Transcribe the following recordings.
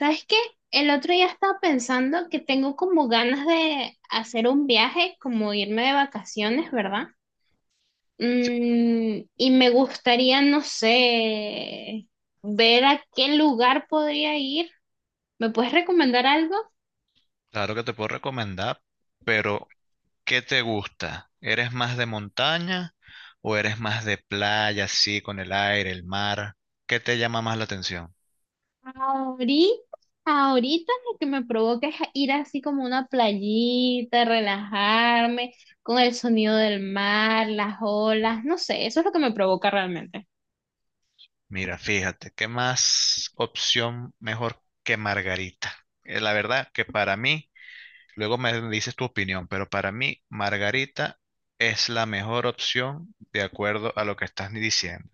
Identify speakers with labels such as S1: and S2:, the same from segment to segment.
S1: ¿Sabes qué? El otro día estaba pensando que tengo como ganas de hacer un viaje, como irme de vacaciones, ¿verdad?
S2: Sí,
S1: Y me gustaría, no sé, ver a qué lugar podría ir. ¿Me puedes recomendar algo?
S2: claro que te puedo recomendar, pero ¿qué te gusta? ¿Eres más de montaña o eres más de playa, así, con el aire, el mar? ¿Qué te llama más la atención?
S1: Ahorita, ahorita, lo que me provoca es ir así como a una playita, relajarme con el sonido del mar, las olas, no sé, eso es lo que me provoca realmente.
S2: Mira, fíjate, ¿qué más opción mejor que Margarita? La verdad que para mí, luego me dices tu opinión, pero para mí Margarita es la mejor opción de acuerdo a lo que estás diciendo.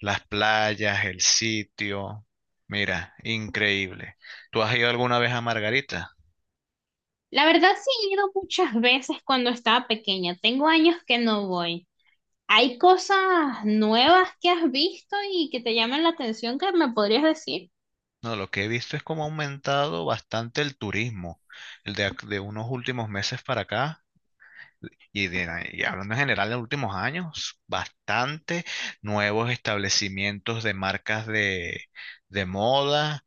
S2: Las playas, el sitio. Mira, increíble. ¿Tú has ido alguna vez a Margarita?
S1: La verdad sí he ido muchas veces cuando estaba pequeña. Tengo años que no voy. ¿Hay cosas nuevas que has visto y que te llaman la atención que me podrías decir?
S2: No, lo que he visto es como ha aumentado bastante el turismo, de unos últimos meses para acá. Y hablando en general de los últimos años, bastante nuevos establecimientos de marcas de, moda,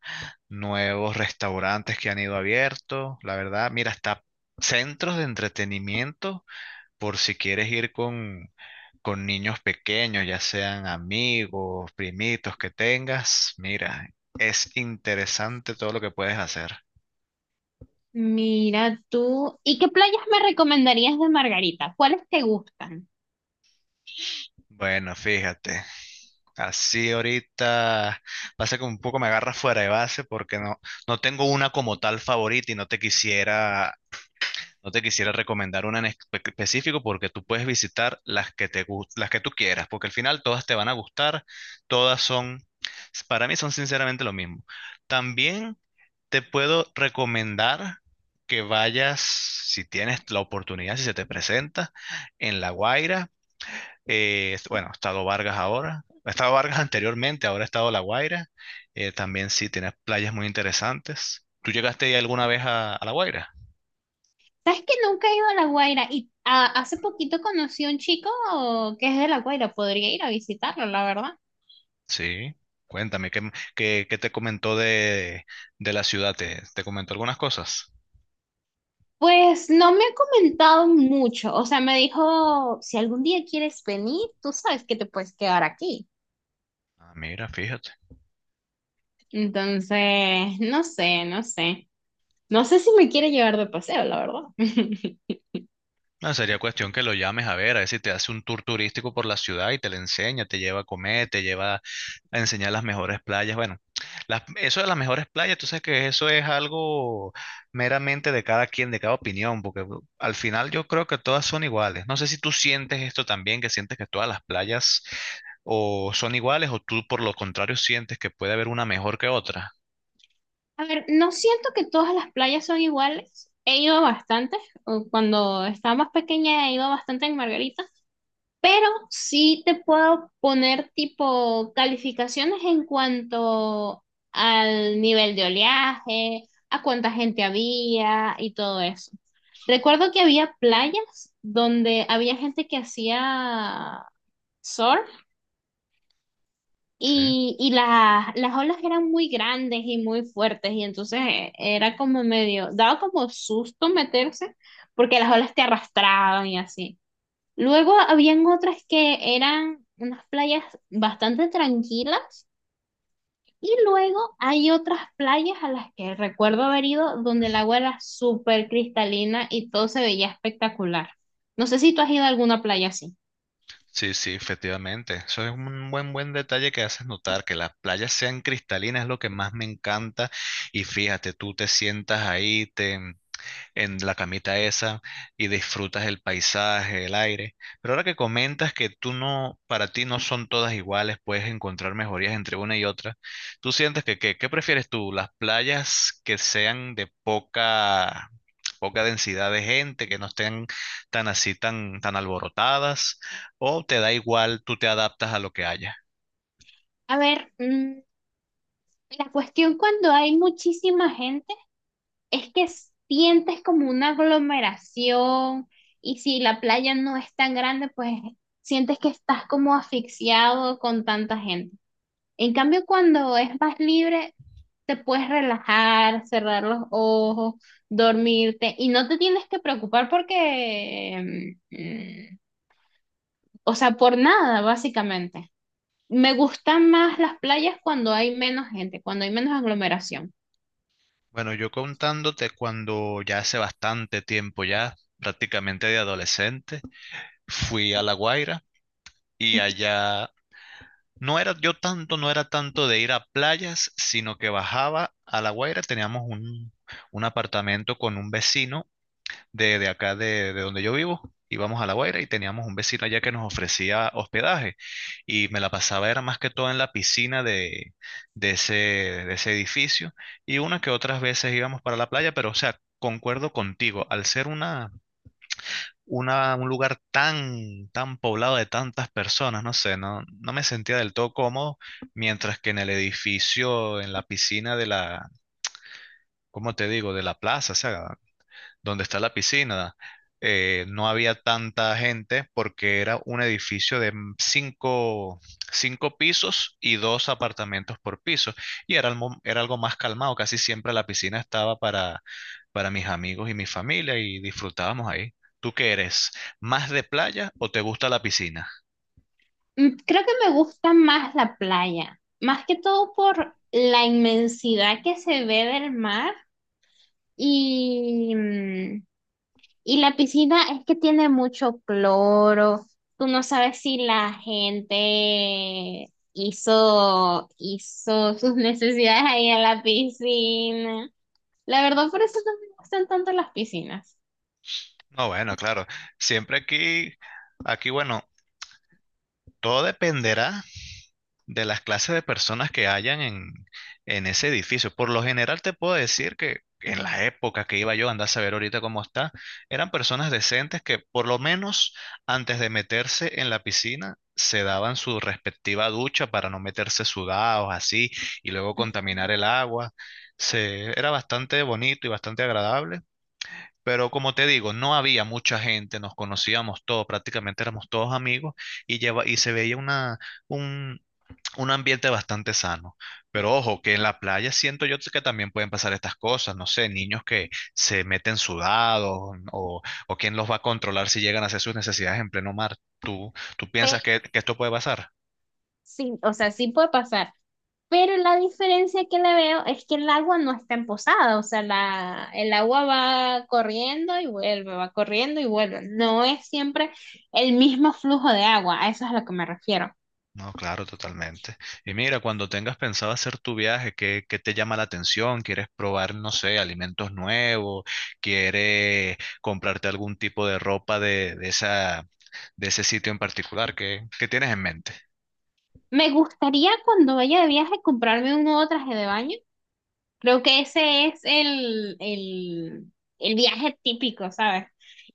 S2: nuevos restaurantes que han ido abiertos. La verdad, mira, hasta centros de entretenimiento por si quieres ir con niños pequeños, ya sean amigos, primitos que tengas, mira, es interesante todo lo que puedes hacer.
S1: Mira tú. ¿Y qué playas me recomendarías de Margarita? ¿Cuáles te gustan?
S2: Bueno, fíjate, así ahorita pasa que un poco me agarras fuera de base porque no tengo una como tal favorita y no te quisiera recomendar una en específico porque tú puedes visitar las que tú quieras, porque al final todas te van a gustar, todas son, para mí son sinceramente lo mismo. También te puedo recomendar que vayas, si tienes la oportunidad, si se te presenta, en La Guaira. Bueno, ha estado Vargas ahora, ha estado Vargas anteriormente, ahora ha estado La Guaira. También sí, tienes playas muy interesantes. ¿Tú llegaste alguna vez a, La Guaira?
S1: ¿Sabes que nunca he ido a La Guaira? Y ah, hace poquito conocí a un chico que es de La Guaira. Podría ir a visitarlo, la verdad.
S2: Sí, cuéntame, ¿qué, qué te comentó de la ciudad? ¿Te comentó algunas cosas?
S1: Pues no me ha comentado mucho. O sea, me dijo, si algún día quieres venir, tú sabes que te puedes quedar aquí.
S2: Ah, mira, fíjate.
S1: Entonces, no sé. No sé si me quiere llevar de paseo, la verdad.
S2: No, sería cuestión que lo llames a ver si te hace un tour turístico por la ciudad y te le enseña, te lleva a comer, te lleva a enseñar las mejores playas. Bueno, eso de las mejores playas, tú sabes que eso es algo meramente de cada quien, de cada opinión, porque al final yo creo que todas son iguales. No sé si tú sientes esto también, que sientes que todas las playas o son iguales o tú por lo contrario sientes que puede haber una mejor que otra.
S1: A ver, no siento que todas las playas son iguales. He ido bastante, o cuando estaba más pequeña he ido a bastante en Margarita, pero sí te puedo poner tipo calificaciones en cuanto al nivel de oleaje, a cuánta gente había y todo eso. Recuerdo que había playas donde había gente que hacía surf.
S2: Sí.
S1: Y las olas eran muy grandes y muy fuertes, y entonces era como medio, daba como susto meterse, porque las olas te arrastraban y así. Luego habían otras que eran unas playas bastante tranquilas, y luego hay otras playas a las que recuerdo haber ido donde el agua era súper cristalina y todo se veía espectacular. No sé si tú has ido a alguna playa así.
S2: Sí, sí, efectivamente. Eso es un buen detalle que haces notar, que las playas sean cristalinas es lo que más me encanta. Y fíjate, tú te sientas ahí en la camita esa y disfrutas el paisaje, el aire. Pero ahora que comentas que tú no, para ti no son todas iguales, puedes encontrar mejorías entre una y otra. ¿Tú sientes que, qué prefieres tú? ¿Las playas que sean de poca densidad de gente, que no estén tan así, tan alborotadas, o te da igual, tú te adaptas a lo que haya.
S1: A ver, la cuestión cuando hay muchísima gente es que sientes como una aglomeración y si la playa no es tan grande, pues sientes que estás como asfixiado con tanta gente. En cambio, cuando es más libre, te puedes relajar, cerrar los ojos, dormirte y no te tienes que preocupar porque, o sea, por nada, básicamente. Me gustan más las playas cuando hay menos gente, cuando hay menos aglomeración.
S2: Bueno, yo contándote cuando ya hace bastante tiempo ya, prácticamente de adolescente, fui a La Guaira y allá no era tanto de ir a playas, sino que bajaba a La Guaira, teníamos un, apartamento con un vecino de, acá de donde yo vivo. Íbamos a La Guaira y teníamos un vecino allá que nos ofrecía hospedaje y me la pasaba era más que todo en la piscina de, de ese edificio y una que otras veces íbamos para la playa, pero o sea, concuerdo contigo, al ser una, un lugar tan poblado de tantas personas, no sé, no me sentía del todo cómodo, mientras que en el edificio, en la piscina de la, ¿cómo te digo?, de la plaza, o sea, donde está la piscina, no había tanta gente porque era un edificio de cinco, pisos y dos apartamentos por piso. Y era, era algo más calmado. Casi siempre la piscina estaba para mis amigos y mi familia y disfrutábamos ahí. ¿Tú qué eres? ¿Más de playa o te gusta la piscina?
S1: Creo que me gusta más la playa, más que todo por la inmensidad que se ve del mar y, y la piscina es que tiene mucho cloro. Tú no sabes si la gente hizo sus necesidades ahí en la piscina. La verdad, por eso no me gustan tanto las piscinas.
S2: No, bueno, claro. Siempre aquí, bueno, todo dependerá de las clases de personas que hayan en ese edificio. Por lo general te puedo decir que en la época que iba yo, andar a saber ahorita cómo está, eran personas decentes que por lo menos antes de meterse en la piscina se daban su respectiva ducha para no meterse sudados así y luego contaminar el agua. Era bastante bonito y bastante agradable. Pero como te digo, no había mucha gente, nos conocíamos todos, prácticamente éramos todos amigos y se veía una, un, un ambiente bastante sano. Pero ojo, que en la playa siento yo que también pueden pasar estas cosas, no sé, niños que se meten sudados o, o, quién los va a controlar si llegan a hacer sus necesidades en pleno mar. ¿Tú piensas que, esto puede pasar?
S1: Sí, o sea, sí puede pasar. Pero la diferencia que le veo es que el agua no está en, o sea, la, el agua va corriendo y vuelve, va corriendo y vuelve. No es siempre el mismo flujo de agua, a eso es a lo que me refiero.
S2: No, claro, totalmente. Y mira, cuando tengas pensado hacer tu viaje, ¿qué te llama la atención? ¿Quieres probar, no sé, alimentos nuevos? ¿Quieres comprarte algún tipo de ropa de, de ese sitio en particular? ¿Qué tienes en mente?
S1: Me gustaría cuando vaya de viaje comprarme un nuevo traje de baño. Creo que ese es el viaje típico, ¿sabes?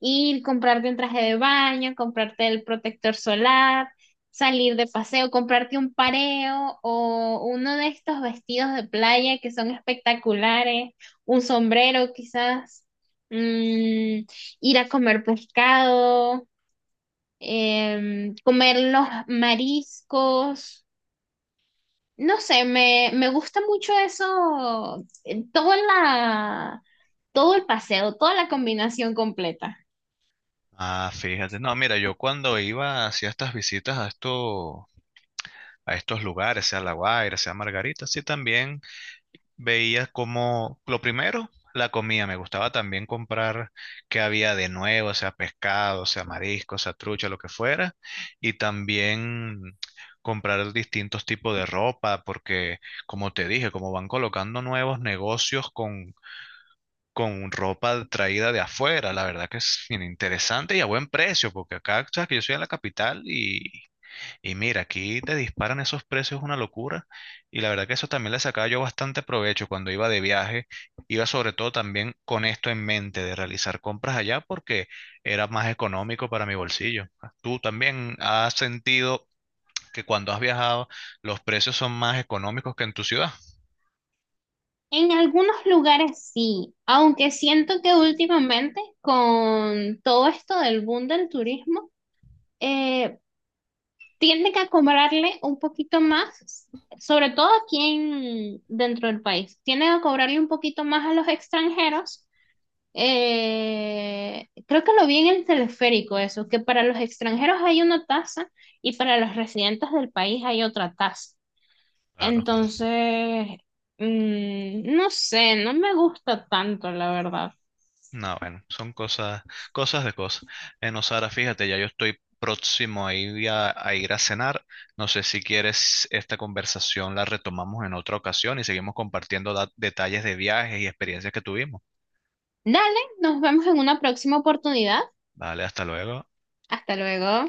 S1: Ir, comprarte un traje de baño, comprarte el protector solar, salir de paseo, comprarte un pareo o uno de estos vestidos de playa que son espectaculares, un sombrero quizás, mm, ir a comer pescado, comer los mariscos. No sé, me gusta mucho eso, toda todo el paseo, toda la combinación completa.
S2: Ah, fíjate. No, mira, yo cuando iba hacía estas visitas a estos lugares, sea La Guaira, sea Margarita, sí también veía como, lo primero, la comida. Me gustaba también comprar qué había de nuevo, sea pescado, sea marisco, sea trucha, lo que fuera. Y también comprar distintos tipos de ropa, porque como te dije, como van colocando nuevos negocios con ropa traída de afuera. La verdad que es bien interesante y a buen precio, porque acá, sabes que yo soy en la capital y mira, aquí te disparan esos precios, es una locura. Y la verdad que eso también le sacaba yo bastante provecho cuando iba de viaje. Iba sobre todo también con esto en mente de realizar compras allá porque era más económico para mi bolsillo. ¿Tú también has sentido que cuando has viajado los precios son más económicos que en tu ciudad?
S1: En algunos lugares sí, aunque siento que últimamente con todo esto del boom del turismo, eh, tienden a cobrarle un poquito más, sobre todo aquí en, dentro del país, tienden a cobrarle un poquito más a los extranjeros. Creo que lo vi en el teleférico eso, que para los extranjeros hay una tasa y para los residentes del país hay otra tasa.
S2: Claro.
S1: Entonces, no sé, no me gusta tanto, la verdad.
S2: No, bueno, son cosas, cosas de cosas. Bueno, Sara, fíjate, ya yo estoy próximo a ir a ir a cenar. No sé si quieres esta conversación la retomamos en otra ocasión y seguimos compartiendo detalles de viajes y experiencias que tuvimos.
S1: Dale, nos vemos en una próxima oportunidad.
S2: Vale, hasta luego.
S1: Hasta luego.